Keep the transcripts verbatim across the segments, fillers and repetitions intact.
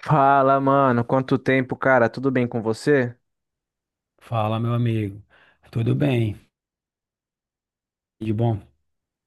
Fala, mano. Quanto tempo, cara? Tudo bem com você? Fala, meu amigo. Tudo bem? De bom?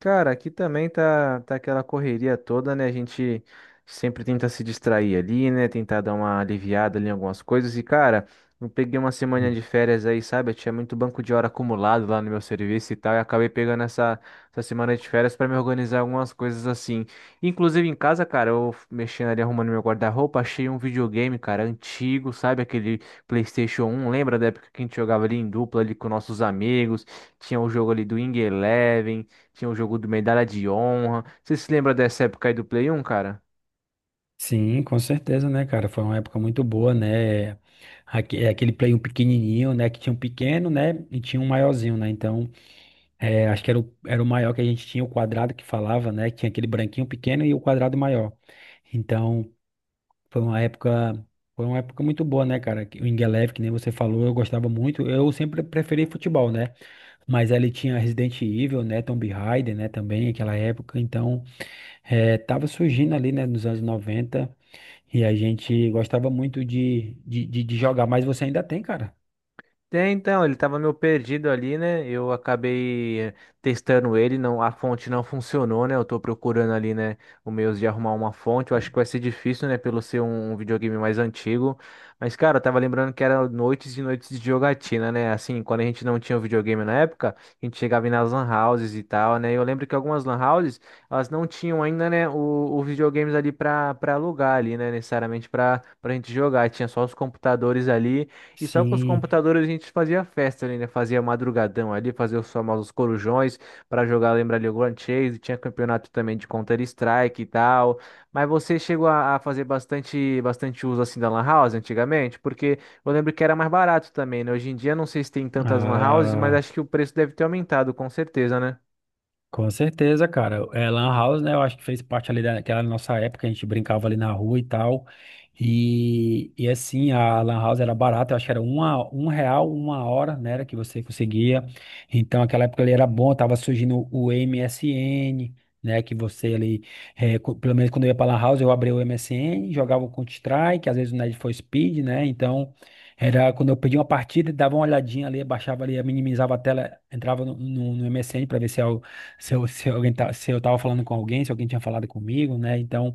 Cara, aqui também tá, tá aquela correria toda, né? A gente sempre tenta se distrair ali, né? Tentar dar uma aliviada ali em algumas coisas. E, cara, eu peguei uma semana Hum. de férias aí, sabe? Eu tinha muito banco de hora acumulado lá no meu serviço e tal. E acabei pegando essa, essa semana de férias pra me organizar algumas coisas assim. Inclusive em casa, cara, eu mexendo ali, arrumando meu guarda-roupa, achei um videogame, cara, antigo, sabe? Aquele PlayStation um. Lembra da época que a gente jogava ali em dupla ali com nossos amigos? Tinha o jogo ali do Wing Eleven. Tinha o jogo do Medalha de Honra. Você se lembra dessa época aí do Play um, cara? Sim, com certeza, né, cara? Foi uma época muito boa, né? Aque- é Aquele play um pequenininho, né? Que tinha um pequeno, né? E tinha um maiorzinho, né? Então, é, acho que era o, era o maior que a gente tinha, o quadrado que falava, né? Que tinha aquele branquinho pequeno e o quadrado maior. Então, foi uma época, foi uma época muito boa, né, cara? Que o Ingeleve, que nem você falou, eu gostava muito. Eu sempre preferi futebol, né? Mas ali tinha Resident Evil, né? Tomb Raider, né? Também, aquela época. Então, É, tava surgindo ali, né, nos anos noventa, e a gente gostava muito de, de, de, de jogar, mas você ainda tem, cara? É, então, ele tava meio perdido ali, né? Eu acabei eh, testando ele, não, a fonte não funcionou, né? Eu tô procurando ali, né, o meios de arrumar uma fonte. Eu acho que vai ser difícil, né, pelo ser um, um videogame mais antigo. Mas, cara, eu tava lembrando que era noites e noites de jogatina, né? Assim, quando a gente não tinha o videogame na época, a gente chegava aí nas lan houses e tal, né? Eu lembro que algumas lan houses, elas não tinham ainda, né, o, os videogames ali pra, pra alugar ali, né? Necessariamente pra, pra gente jogar. Tinha só os computadores ali. E só com os Sim. computadores a gente fazia festa ali, né? Fazia madrugadão ali, fazia os famosos corujões para jogar, lembra ali o Grand Chase, tinha campeonato também de Counter-Strike e tal. Mas você chegou a, a fazer bastante, bastante uso assim da Lan House antigamente? Porque eu lembro que era mais barato também, né? Hoje em dia não sei se tem tantas Lan Houses, mas Ah, acho que o preço deve ter aumentado, com certeza, né? com certeza, cara. É, Lan House, né? Eu acho que fez parte ali daquela nossa época, a gente brincava ali na rua e tal. E, e assim, a Lan House era barata, eu acho que era uma, um real, uma hora, né? Era que você conseguia. Então, aquela época ali era bom, tava surgindo o M S N, né? Que você ali, é, co- pelo menos quando eu ia pra Lan House, eu abria o M S N, jogava o Counter-Strike, às vezes o Need for Speed, né? Então, era quando eu pedia uma partida, dava uma olhadinha ali, baixava ali, minimizava a tela, entrava no, no, no M S N para ver se, se eu, se alguém tá, se eu tava falando com alguém, se alguém tinha falado comigo, né? Então,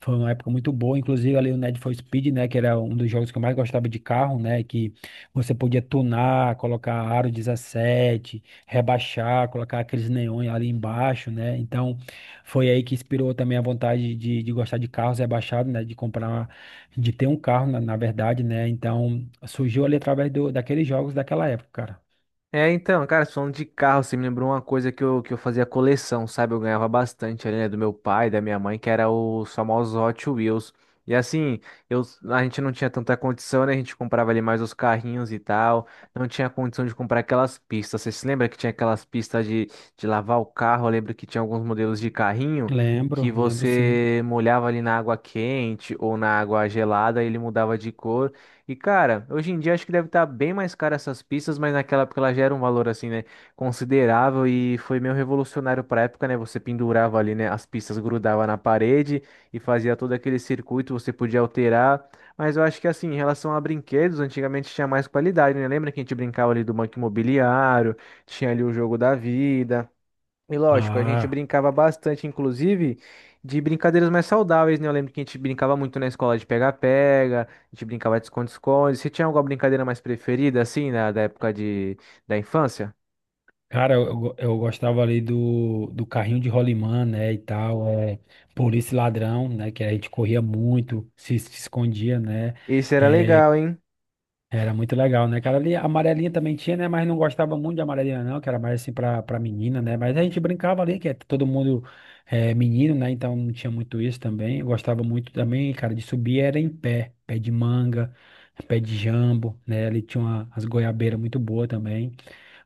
foi uma época muito boa. Inclusive, ali o Need for Speed, né? Que era um dos jogos que eu mais gostava de carro, né? Que você podia tunar, colocar aro dezessete, rebaixar, colocar aqueles neões ali embaixo, né? Então, foi aí que inspirou também a vontade de, de gostar de carros rebaixados, né? De comprar, de ter um carro, na, na verdade, né? Então, surgiu ali através do, daqueles jogos daquela época, cara. É, então, cara, falando de carro, você me lembrou uma coisa que eu, que eu fazia coleção, sabe? Eu ganhava bastante ali, né, do meu pai, da minha mãe, que era os famosos Hot Wheels. E assim, eu, a gente não tinha tanta condição, né? A gente comprava ali mais os carrinhos e tal. Não tinha condição de comprar aquelas pistas. Você se lembra que tinha aquelas pistas de, de lavar o carro? Eu lembro que tinha alguns modelos de carrinho que Lembro, lembro sim. você molhava ali na água quente ou na água gelada e ele mudava de cor. E, cara, hoje em dia acho que deve estar bem mais caro essas pistas, mas naquela época ela já era um valor, assim, né, considerável e foi meio revolucionário pra época, né? Você pendurava ali, né, as pistas grudava na parede e fazia todo aquele circuito, você podia alterar. Mas eu acho que, assim, em relação a brinquedos, antigamente tinha mais qualidade, né? Lembra que a gente brincava ali do Banco Imobiliário, tinha ali o Jogo da Vida. E lógico, a gente Ah. brincava bastante, inclusive, de brincadeiras mais saudáveis, né? Eu lembro que a gente brincava muito na escola de pega-pega, a gente brincava de esconde-esconde. Você tinha alguma brincadeira mais preferida, assim, na, da época de, da infância? Cara, eu, eu eu gostava ali do, do carrinho de rolimã, né, e tal, é, polícia e ladrão, né, que a gente corria muito, se, se escondia, né, Esse era é, legal, hein? era muito legal, né, cara, ali a amarelinha também tinha, né, mas não gostava muito de amarelinha não, que era mais assim pra, pra menina, né, mas a gente brincava ali, que é todo mundo é, menino, né, então não tinha muito isso também, eu gostava muito também, cara, de subir era em pé, pé de manga, pé de jambo, né, ali tinha uma, as goiabeiras muito boas também,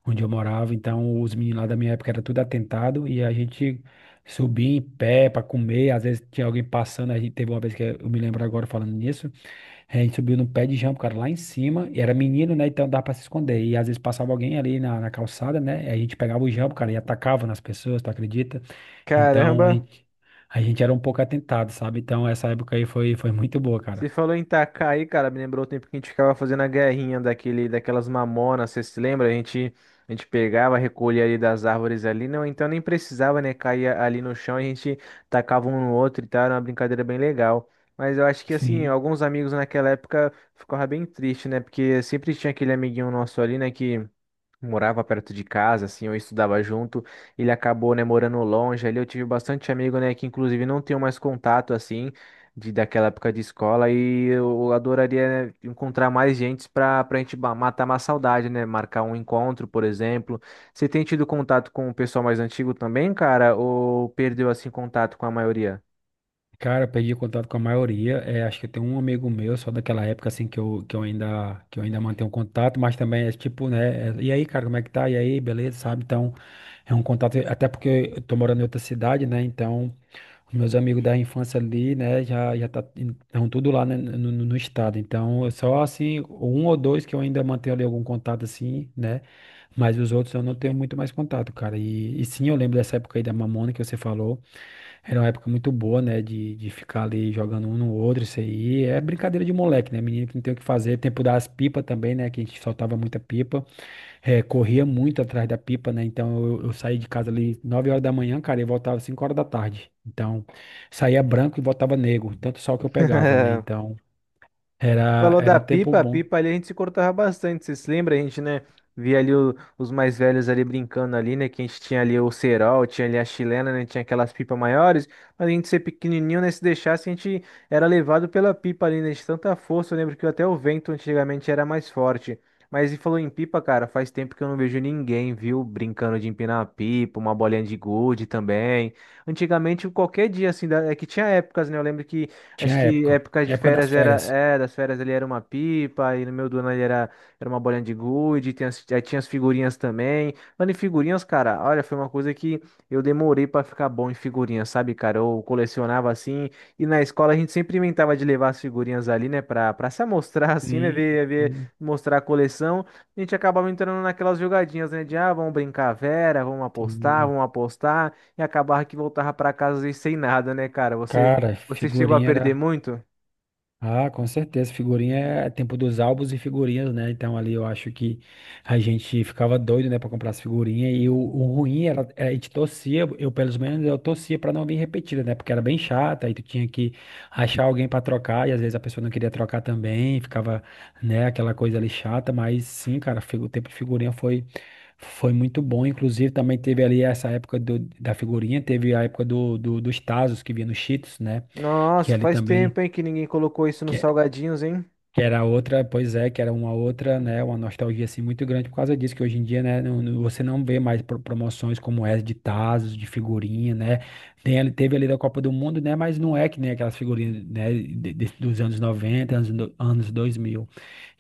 onde eu morava. Então, os meninos lá da minha época era tudo atentado e a gente subia em pé para comer. Às vezes tinha alguém passando. A gente teve uma vez que eu me lembro agora falando nisso. A gente subiu no pé de jambo, cara, lá em cima. E era menino, né? Então dava para se esconder. E às vezes passava alguém ali na, na calçada, né? E a gente pegava o jambo, cara, e atacava nas pessoas, tu acredita? Então, a Caramba! gente, a gente era um pouco atentado, sabe? Então, essa época aí foi, foi muito boa, cara. Você falou em tacar aí, cara, me lembrou o tempo que a gente ficava fazendo a guerrinha daquele, daquelas mamonas, você se lembra? A gente, a gente pegava, recolhia ali das árvores ali, não, então nem precisava, né, cair ali no chão, a gente tacava um no outro e tal, era uma brincadeira bem legal. Mas eu acho que, assim, Sim. alguns amigos naquela época ficavam bem tristes, né, porque sempre tinha aquele amiguinho nosso ali, né, que morava perto de casa, assim, eu estudava junto, ele acabou, né, morando longe, ali eu tive bastante amigo, né, que inclusive não tenho mais contato, assim, de, daquela época de escola, e eu adoraria, né, encontrar mais gente pra, pra gente ba- matar uma saudade, né, marcar um encontro, por exemplo. Você tem tido contato com o pessoal mais antigo também, cara, ou perdeu, assim, contato com a maioria? Cara, eu perdi contato com a maioria. É, acho que eu tenho um amigo meu, só daquela época assim que eu, que eu ainda que eu ainda mantenho contato, mas também é tipo, né? é, e aí, cara, como é que tá? E aí, beleza, sabe? Então, é um contato, até porque eu tô morando em outra cidade, né? Então, os meus amigos da infância ali, né, já já tá, estão tudo lá, né, no, no no estado. Então, é só assim, um ou dois que eu ainda mantenho ali algum contato assim, né? Mas os outros eu não tenho muito mais contato, cara. E, e sim, eu lembro dessa época aí da Mamona que você falou. Era uma época muito boa, né? De, de ficar ali jogando um no outro, isso aí. É brincadeira de moleque, né? Menino que não tem o que fazer. Tempo das pipas também, né? Que a gente soltava muita pipa. É, corria muito atrás da pipa, né? Então eu, eu saí de casa ali nove horas da manhã, cara, e voltava cinco horas da tarde. Então saía branco e voltava negro. Tanto sol que eu pegava, né? Então era, Falou era da um tempo pipa, a bom. pipa ali a gente se cortava bastante, vocês lembram? A gente, né, via ali o- os mais velhos ali brincando ali, né, que a gente tinha ali o cerol, tinha ali a chilena, né, tinha aquelas pipas maiores, mas a gente ser pequenininho, né, se deixasse a gente era levado pela pipa ali, né, de tanta força, eu lembro que até o vento antigamente era mais forte. Mas e falou em pipa, cara, faz tempo que eu não vejo ninguém, viu, brincando de empinar a pipa, uma bolinha de gude também. Antigamente, qualquer dia, assim, da- é que tinha épocas, né, eu lembro que Tinha acho que época. época de Época das férias era, férias. é, das férias ali era uma pipa, e no meu do ano ali era, era uma bolinha de gude, tinha, as- aí tinha as figurinhas também. Mano, e figurinhas, cara, olha, foi uma coisa que eu demorei pra ficar bom em figurinhas, sabe, cara? Eu colecionava assim, e na escola a gente sempre inventava de levar as figurinhas ali, né, pra, pra se amostrar assim, né, Sim, ver, ver, sim, mostrar a coleção. A gente acabava entrando naquelas jogadinhas, né, de, ah, vamos brincar, Vera, vamos apostar, sim. vamos apostar, e acabava que voltava pra casa às vezes sem nada, né, cara? Você. Cara, Você chegou a figurinha perder era. muito? Ah, com certeza. Figurinha é tempo dos álbuns e figurinhas, né? Então ali eu acho que a gente ficava doido, né, pra comprar as figurinhas. E o, o ruim era, era a gente torcia, eu pelo menos eu torcia pra não vir repetida, né? Porque era bem chata, aí tu tinha que achar alguém pra trocar, e às vezes a pessoa não queria trocar também, ficava, né, aquela coisa ali chata. Mas sim, cara, figu- o tempo de figurinha foi. Foi muito bom, inclusive também teve ali essa época do- da figurinha, teve a época do, do- dos Tazos que vinha no Cheetos, né? Que Nossa, ali faz também, tempo, hein, que ninguém colocou isso nos que, salgadinhos, hein? que era outra, pois é, que era uma outra, né, uma nostalgia assim muito grande por causa disso, que hoje em dia, né, não- não- você não vê mais pro- promoções como essa de tazos, de figurinha, né, tem, ali- teve ali da Copa do Mundo, né, mas não é que nem aquelas figurinhas, né, de- de- dos anos noventa anos, do- anos dois mil.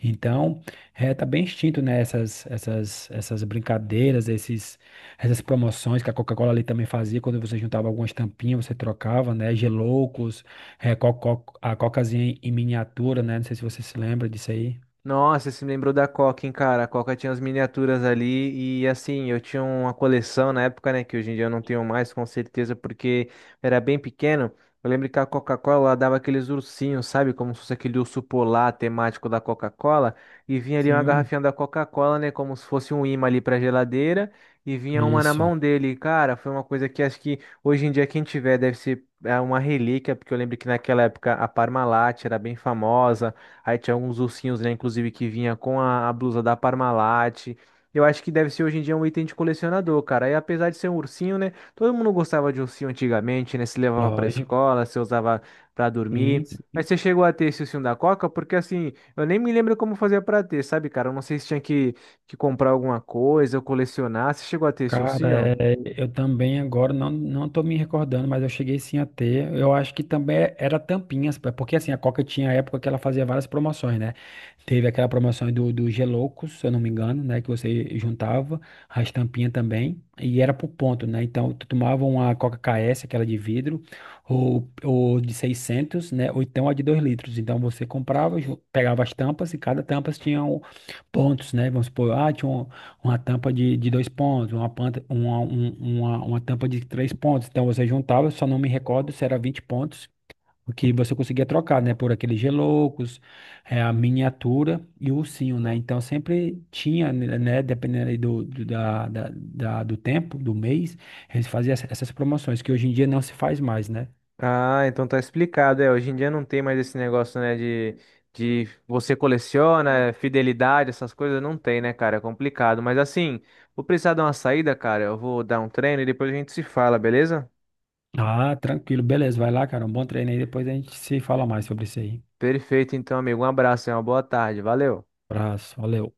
Então, é, tá bem extinto, né, essas, essas, essas brincadeiras, esses, essas promoções que a Coca-Cola ali também fazia, quando você juntava algumas tampinhas, você trocava, né, geloucos, é, co- co- a cocazinha em miniatura, né? Não sei se você se lembra disso aí. Nossa, você me lembrou da Coca, hein, cara? A Coca tinha as miniaturas ali e assim, eu tinha uma coleção na época, né, que hoje em dia eu não tenho mais, com certeza, porque era bem pequeno. Eu lembro que a Coca-Cola ela dava aqueles ursinhos, sabe? Como se fosse aquele urso polar temático da Coca-Cola. E vinha ali uma Sim. garrafinha da Coca-Cola, né? Como se fosse um imã ali pra geladeira. E vinha uma na Isso, mão dele. E, cara, foi uma coisa que acho que hoje em dia quem tiver deve ser é, uma relíquia, porque eu lembro que naquela época a Parmalat era bem famosa. Aí tinha alguns ursinhos, né? Inclusive que vinha com a, a blusa da Parmalat. Eu acho que deve ser hoje em dia um item de colecionador, cara. E apesar de ser um ursinho, né? Todo mundo gostava de ursinho antigamente, né? Se levava pra lógico. escola, se usava pra Sim, dormir. Mas sim. você chegou a ter esse ursinho da Coca? Porque assim, eu nem me lembro como fazia pra ter, sabe, cara? Eu não sei se tinha que, que comprar alguma coisa ou colecionar. Você chegou a ter esse Cara, ursinho? é, eu também agora não, não tô me recordando, mas eu cheguei sim a ter. Eu acho que também é, era tampinhas, pá, porque assim, a Coca tinha a época que ela fazia várias promoções, né? Teve aquela promoção do, do Geloucos, se eu não me engano, né? Que você juntava as tampinhas também, e era por ponto, né? Então, tu tomava uma Coca K S, aquela de vidro, ou, ou de seiscentos, né? Ou então a de dois litros. Então, você comprava, ju- pegava as tampas, e cada tampa tinha um- pontos, né? Vamos supor, ah, tinha um. Uma tampa de, de dois pontos, uma, panta, uma, um- uma, uma tampa de três pontos. Então você juntava, só não me recordo se era vinte pontos, o que você conseguia trocar, né? Por aqueles geloucos, eh, a miniatura e o ursinho, né? Então sempre tinha, né? Dependendo aí do, do, da, da, da- do tempo, do mês, eles faziam essa- essas promoções, que hoje em dia não se faz mais, né? Ah, então tá explicado. É, hoje em dia não tem mais esse negócio, né, de, de você coleciona, é, fidelidade, essas coisas não tem, né, cara? É complicado. Mas assim, vou precisar dar uma saída, cara. Eu vou dar um treino e depois a gente se fala, beleza? Ah, tranquilo, beleza, vai lá, cara. Um bom treino aí, depois a gente se fala mais sobre isso aí. Perfeito, então, amigo. Um abraço e uma boa tarde. Valeu. Abraço, valeu.